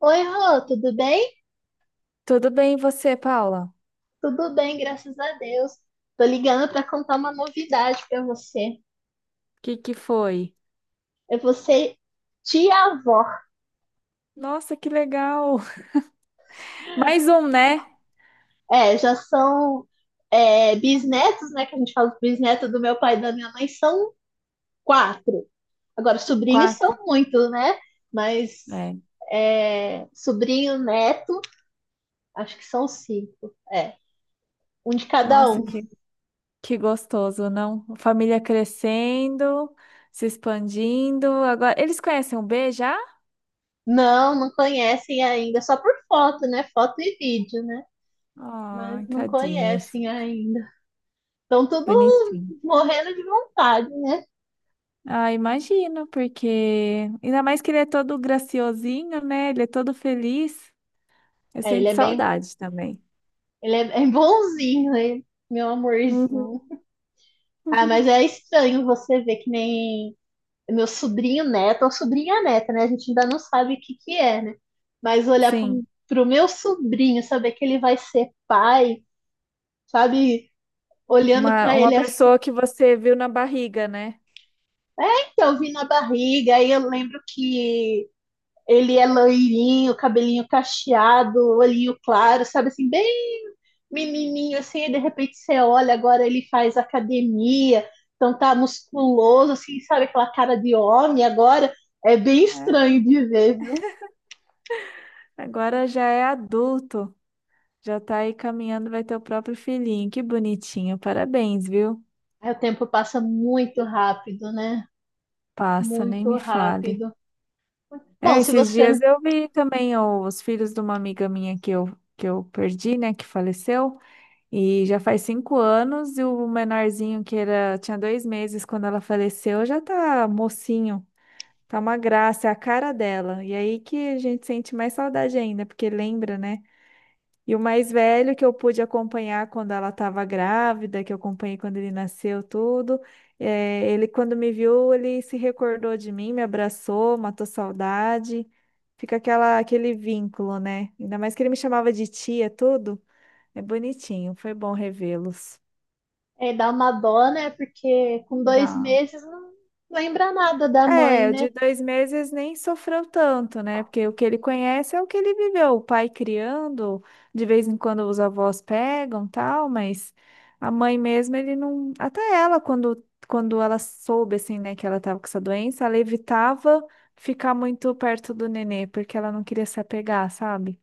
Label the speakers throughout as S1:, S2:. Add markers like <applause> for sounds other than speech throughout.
S1: Oi, Rô, tudo bem?
S2: Tudo bem, e você, Paula?
S1: Tudo bem, graças a Deus. Tô ligando para contar uma novidade para você.
S2: O que que foi?
S1: É você, tia-avó.
S2: Nossa, que legal! <laughs> Mais um, né?
S1: É, já são bisnetos, né? Que a gente fala bisneto do meu pai e da minha mãe, são quatro. Agora, sobrinhos
S2: Quatro.
S1: são muito, né? Mas
S2: É.
S1: sobrinho, neto, acho que são cinco. É, um de cada
S2: Nossa,
S1: um.
S2: que gostoso, não? A família crescendo, se expandindo. Agora, eles conhecem o B já?
S1: Não, não conhecem ainda, só por foto, né? Foto e vídeo, né?
S2: Ai,
S1: Mas não
S2: tadinhos.
S1: conhecem ainda. Estão tudo
S2: Bonitinho.
S1: morrendo de vontade, né?
S2: Ah, imagino, porque ainda mais que ele é todo graciosinho, né? Ele é todo feliz. Eu
S1: É, ele
S2: sinto
S1: é bem,
S2: saudade também.
S1: <laughs> bonzinho, né? Meu
S2: Uhum.
S1: amorzinho. Ah, mas é
S2: <laughs>
S1: estranho você ver que nem meu sobrinho neto ou sobrinha neta, né? A gente ainda não sabe o que que é, né? Mas
S2: Sim,
S1: pro meu sobrinho, saber que ele vai ser pai, sabe? Olhando
S2: uma,
S1: pra
S2: uma
S1: ele assim,
S2: pessoa que você viu na barriga, né?
S1: eu vi na barriga, aí eu lembro que ele é loirinho, cabelinho cacheado, olhinho claro, sabe assim, bem menininho assim, e de repente você olha, agora ele faz academia, então tá musculoso, assim, sabe aquela cara de homem agora? É bem estranho
S2: É.
S1: de ver, viu?
S2: Agora já é adulto, já tá aí caminhando, vai ter o próprio filhinho. Que bonitinho, parabéns, viu?
S1: Aí o tempo passa muito rápido, né?
S2: Passa, nem
S1: Muito
S2: me fale.
S1: rápido. Bom,
S2: É,
S1: se
S2: esses
S1: você
S2: dias eu vi também ó, os filhos de uma amiga minha que eu perdi, né, que faleceu, e já faz 5 anos, e o menorzinho que era, tinha 2 meses quando ela faleceu, já tá mocinho, tá uma graça, é a cara dela. E aí que a gente sente mais saudade ainda, porque lembra, né? E o mais velho que eu pude acompanhar quando ela estava grávida, que eu acompanhei quando ele nasceu, tudo. Ele, quando me viu, ele se recordou de mim, me abraçou, matou saudade. Fica aquele vínculo, né? Ainda mais que ele me chamava de tia, tudo. É bonitinho, foi bom revê-los.
S1: É, dá uma dó, né? Porque com dois
S2: Dá.
S1: meses não lembra nada da mãe,
S2: É, o
S1: né?
S2: de 2 meses nem sofreu tanto, né? Porque o que ele conhece é o que ele viveu, o pai criando, de vez em quando os avós pegam, tal, mas a mãe mesmo, ele não. Até ela, quando ela soube, assim, né, que ela tava com essa doença, ela evitava ficar muito perto do nenê, porque ela não queria se apegar, sabe?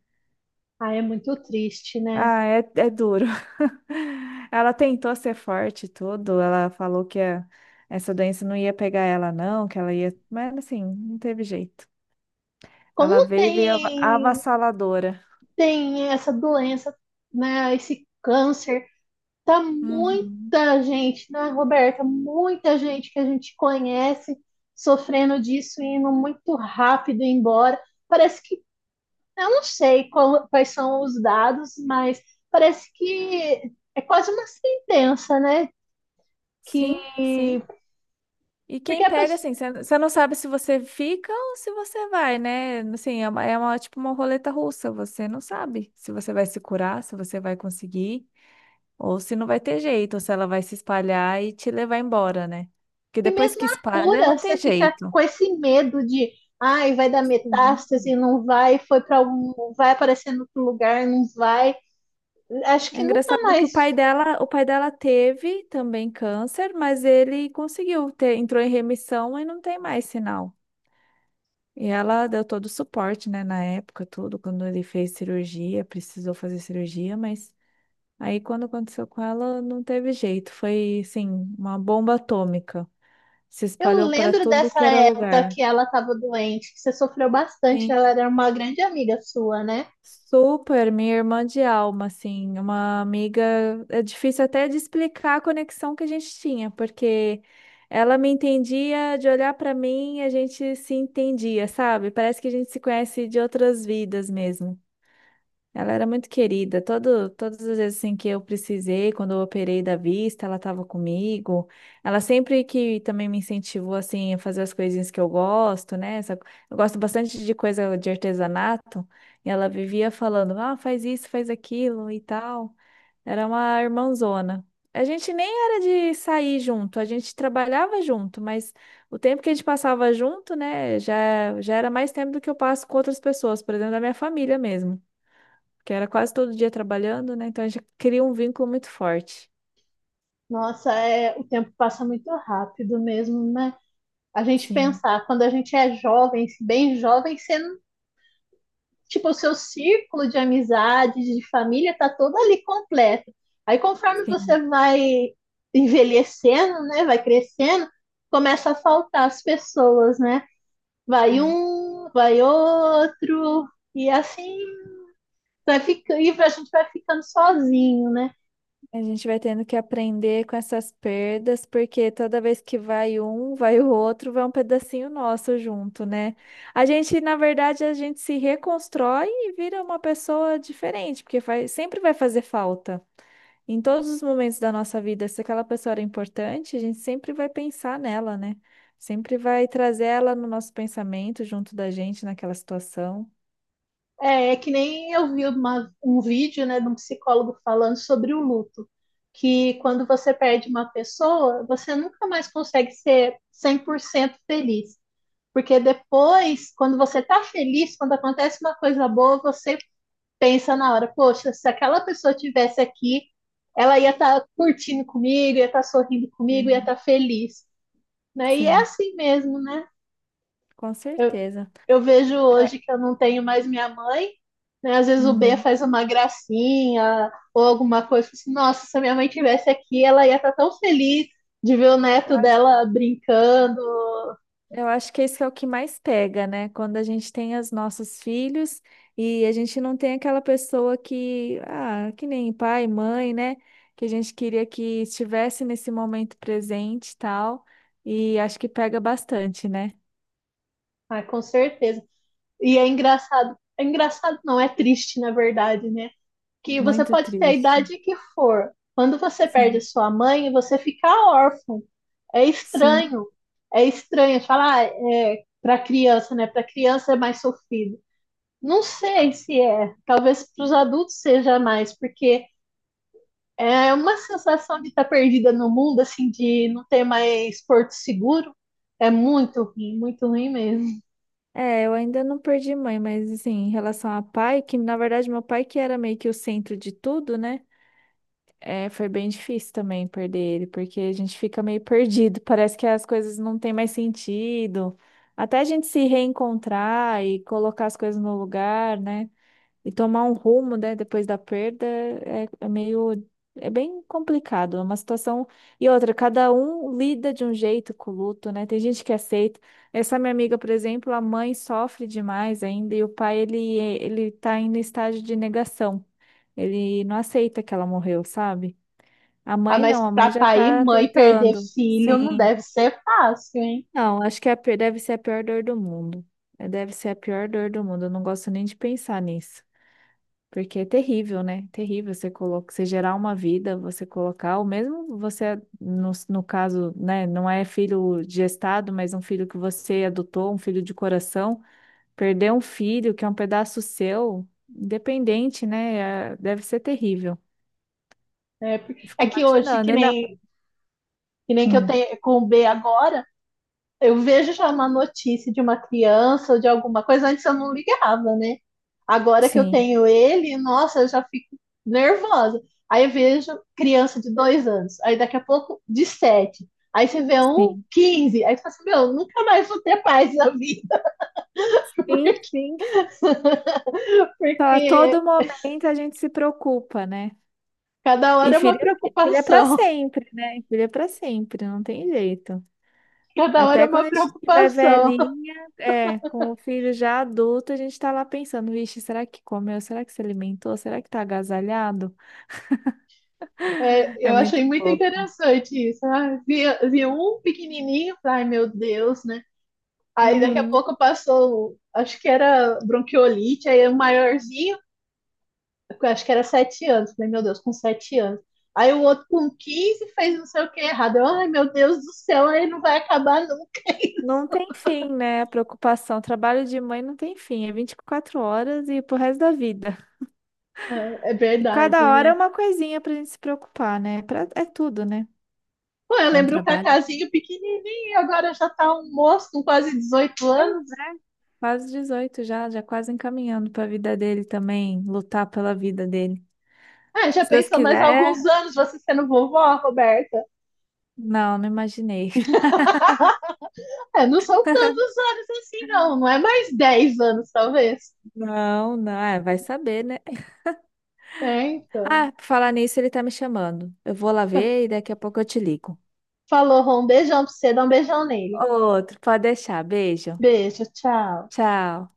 S1: Ah, é muito triste, né?
S2: Ah, é, é duro. <laughs> Ela tentou ser forte e tudo, ela falou que essa doença não ia pegar ela, não, que ela ia. Mas assim, não teve jeito.
S1: Como
S2: Ela veio e veio
S1: tem,
S2: avassaladora.
S1: tem essa doença, né? Esse câncer. Tá
S2: Uhum.
S1: muita gente, né, Roberta? Muita gente que a gente conhece sofrendo disso e indo muito rápido embora. Parece que, eu não sei quais são os dados, mas parece que é quase uma sentença, né? Que,
S2: Sim, sim. E
S1: porque
S2: quem
S1: a
S2: pega,
S1: pessoa,
S2: assim, você não sabe se você fica ou se você vai, né? Assim, tipo uma roleta russa. Você não sabe se você vai se curar, se você vai conseguir, ou se não vai ter jeito, ou se ela vai se espalhar e te levar embora, né? Porque
S1: E
S2: depois
S1: mesmo
S2: que
S1: a
S2: espalha,
S1: cura,
S2: não
S1: você
S2: tem
S1: fica
S2: jeito.
S1: com esse medo de, ai, vai dar
S2: Sim.
S1: metástase, não vai, foi para algum, vai aparecer em outro lugar, não vai. Acho
S2: É
S1: que nunca
S2: engraçado que
S1: mais.
S2: o pai dela teve também câncer, mas ele conseguiu ter, entrou em remissão e não tem mais sinal. E ela deu todo o suporte, né, na época, tudo, quando ele fez cirurgia, precisou fazer cirurgia, mas aí quando aconteceu com ela, não teve jeito, foi, assim, uma bomba atômica. Se
S1: Eu
S2: espalhou para
S1: lembro
S2: tudo
S1: dessa
S2: que era
S1: época
S2: lugar.
S1: que ela estava doente, que você sofreu bastante,
S2: Sim,
S1: ela era uma grande amiga sua, né?
S2: super, minha irmã de alma, assim, uma amiga, é difícil até de explicar a conexão que a gente tinha, porque ela me entendia de olhar para mim, a gente se entendia, sabe? Parece que a gente se conhece de outras vidas mesmo. Ela era muito querida. Todo, todas as vezes assim, que eu precisei, quando eu operei da vista, ela estava comigo. Ela sempre que também me incentivou assim, a fazer as coisinhas que eu gosto, né? Eu gosto bastante de coisa de artesanato. E ela vivia falando, ah, faz isso, faz aquilo e tal. Era uma irmãzona. A gente nem era de sair junto, a gente trabalhava junto, mas o tempo que a gente passava junto, né, já era mais tempo do que eu passo com outras pessoas, por exemplo, da minha família mesmo que era quase todo dia trabalhando, né? Então a gente cria um vínculo muito forte.
S1: Nossa, é, o tempo passa muito rápido mesmo, né? A gente
S2: Sim,
S1: pensar, quando a gente é jovem, bem jovem, você, não- tipo, o seu círculo de amizades, de família, tá todo ali completo. Aí, conforme
S2: sim.
S1: você vai envelhecendo, né, vai crescendo, começa a faltar as pessoas, né? Vai
S2: É.
S1: um, vai outro, e assim vai ficar e a gente vai ficando sozinho, né?
S2: A gente vai tendo que aprender com essas perdas, porque toda vez que vai um, vai o outro, vai um pedacinho nosso junto, né? A gente se reconstrói e vira uma pessoa diferente, porque sempre vai fazer falta. Em todos os momentos da nossa vida, se aquela pessoa era importante, a gente sempre vai pensar nela, né? Sempre vai trazer ela no nosso pensamento, junto da gente, naquela situação.
S1: É, é que nem eu vi uma, um vídeo né, de um psicólogo falando sobre o luto, que quando você perde uma pessoa, você nunca mais consegue ser 100% feliz. Porque depois, quando você tá feliz, quando acontece uma coisa boa, você pensa na hora, poxa, se aquela pessoa estivesse aqui, ela ia estar tá curtindo comigo, ia estar tá sorrindo comigo, ia estar
S2: Sim.
S1: tá feliz. Né? E é
S2: Sim,
S1: assim mesmo, né?
S2: com
S1: Eu,
S2: certeza.
S1: Eu vejo
S2: É.
S1: hoje que eu não tenho mais minha mãe, né? Às vezes o B
S2: Uhum.
S1: faz uma gracinha ou alguma coisa, assim, nossa, se a minha mãe tivesse aqui, ela ia estar tão feliz de ver o
S2: Eu
S1: neto
S2: acho
S1: dela brincando.
S2: Eu acho que isso é o que mais pega, né? Quando a gente tem os nossos filhos e a gente não tem aquela pessoa que, ah, que nem pai, mãe, né? Que a gente queria que estivesse nesse momento presente e tal. E acho que pega bastante, né?
S1: Ah, com certeza. E é engraçado não, é triste, na verdade, né? Que você
S2: Muito
S1: pode ter a
S2: triste.
S1: idade que for. Quando você perde a
S2: Sim,
S1: sua mãe, você fica órfão. É
S2: sim.
S1: estranho. É estranho falar, ah, é para criança, né? Para criança é mais sofrido. Não sei se é. Talvez para os adultos seja mais, porque é uma sensação de estar perdida no mundo, assim, de não ter mais porto seguro. É muito ruim mesmo.
S2: É, eu ainda não perdi mãe, mas assim, em relação a pai, que na verdade meu pai que era meio que o centro de tudo, né? É, foi bem difícil também perder ele, porque a gente fica meio perdido, <laughs> parece que as coisas não têm mais sentido. Até a gente se reencontrar e colocar as coisas no lugar, né? E tomar um rumo, né, depois da perda, é, é meio. É bem complicado, é uma situação. E outra, cada um lida de um jeito com o luto, né? Tem gente que aceita. Essa minha amiga, por exemplo, a mãe sofre demais ainda e o pai, ele tá em estágio de negação. Ele não aceita que ela morreu, sabe? A
S1: Ah,
S2: mãe
S1: mas
S2: não, a
S1: para
S2: mãe já
S1: pai e
S2: tá
S1: mãe perder
S2: tentando.
S1: filho não
S2: Sim.
S1: deve ser fácil, hein?
S2: Não, acho que deve ser a pior dor do mundo. É, deve ser a pior dor do mundo. Eu não gosto nem de pensar nisso. Porque é terrível, né? Terrível você colocar, você gerar uma vida, você colocar, ou mesmo você, no caso, né, não é filho gestado, mas um filho que você adotou, um filho de coração, perder um filho que é um pedaço seu, independente, né? Deve ser terrível.
S1: É,
S2: Eu
S1: é
S2: fico
S1: que hoje,
S2: imaginando,
S1: que
S2: ainda.
S1: nem, que nem que eu
S2: Hum,
S1: tenho com o B agora. Eu vejo já uma notícia de uma criança ou de alguma coisa, antes eu não ligava, né? Agora que eu
S2: sim,
S1: tenho ele, nossa, eu já fico nervosa. Aí eu vejo criança de 2 anos, aí daqui a pouco de sete. Aí você vê um
S2: sim.
S1: 15. Aí você fala assim, meu, nunca mais vou ter paz na vida,
S2: Sim, sim.
S1: <laughs>
S2: Só a
S1: porque
S2: todo momento a gente se preocupa, né?
S1: cada
S2: E
S1: hora é uma
S2: filho, Filho é para
S1: preocupação,
S2: sempre, né? Filho é para sempre, não tem jeito.
S1: <laughs> cada hora é
S2: Até quando
S1: uma
S2: a gente estiver
S1: preocupação.
S2: velhinha, é, com o filho já adulto, a gente está lá pensando, vixe, será que comeu? Será que se alimentou? Será que tá agasalhado?
S1: É,
S2: É
S1: eu
S2: muito
S1: achei muito
S2: pouco.
S1: interessante isso. Ah, vi, vi um pequenininho, ai meu Deus, né? Aí daqui a
S2: Uhum.
S1: pouco passou, acho que era bronquiolite, aí o maiorzinho, eu acho que era 7 anos. Falei, meu Deus, com 7 anos. Aí o outro com 15 fez não sei o que errado. Ai, meu Deus do céu, aí não vai acabar nunca.
S2: Não tem fim, né? A preocupação. O trabalho de mãe não tem fim. É 24 horas e pro resto da vida.
S1: É, é
S2: E cada
S1: verdade,
S2: hora é
S1: né?
S2: uma coisinha pra gente se preocupar, né? É tudo, né?
S1: Pô, eu
S2: É um
S1: lembro o
S2: trabalho.
S1: Cacazinho pequenininho, agora já tá um moço com quase dezoito
S2: Pois
S1: anos.
S2: é. Quase 18 já, já quase encaminhando para a vida dele também, lutar pela vida dele.
S1: Ah, já
S2: Se Deus
S1: pensou mais
S2: quiser,
S1: alguns anos você sendo vovó, Roberta?
S2: não, não imaginei.
S1: <laughs> É, não são tantos anos assim, não. Não é mais 10 anos, talvez.
S2: Não, não, é, vai saber, né?
S1: É, então.
S2: Ah, por falar nisso, ele tá me chamando. Eu vou lá ver e daqui a pouco eu te ligo.
S1: Falou, Rô. Um beijão pra você. Dá um beijão nele.
S2: Outro, pode deixar. Beijo.
S1: Beijo, tchau.
S2: Tchau.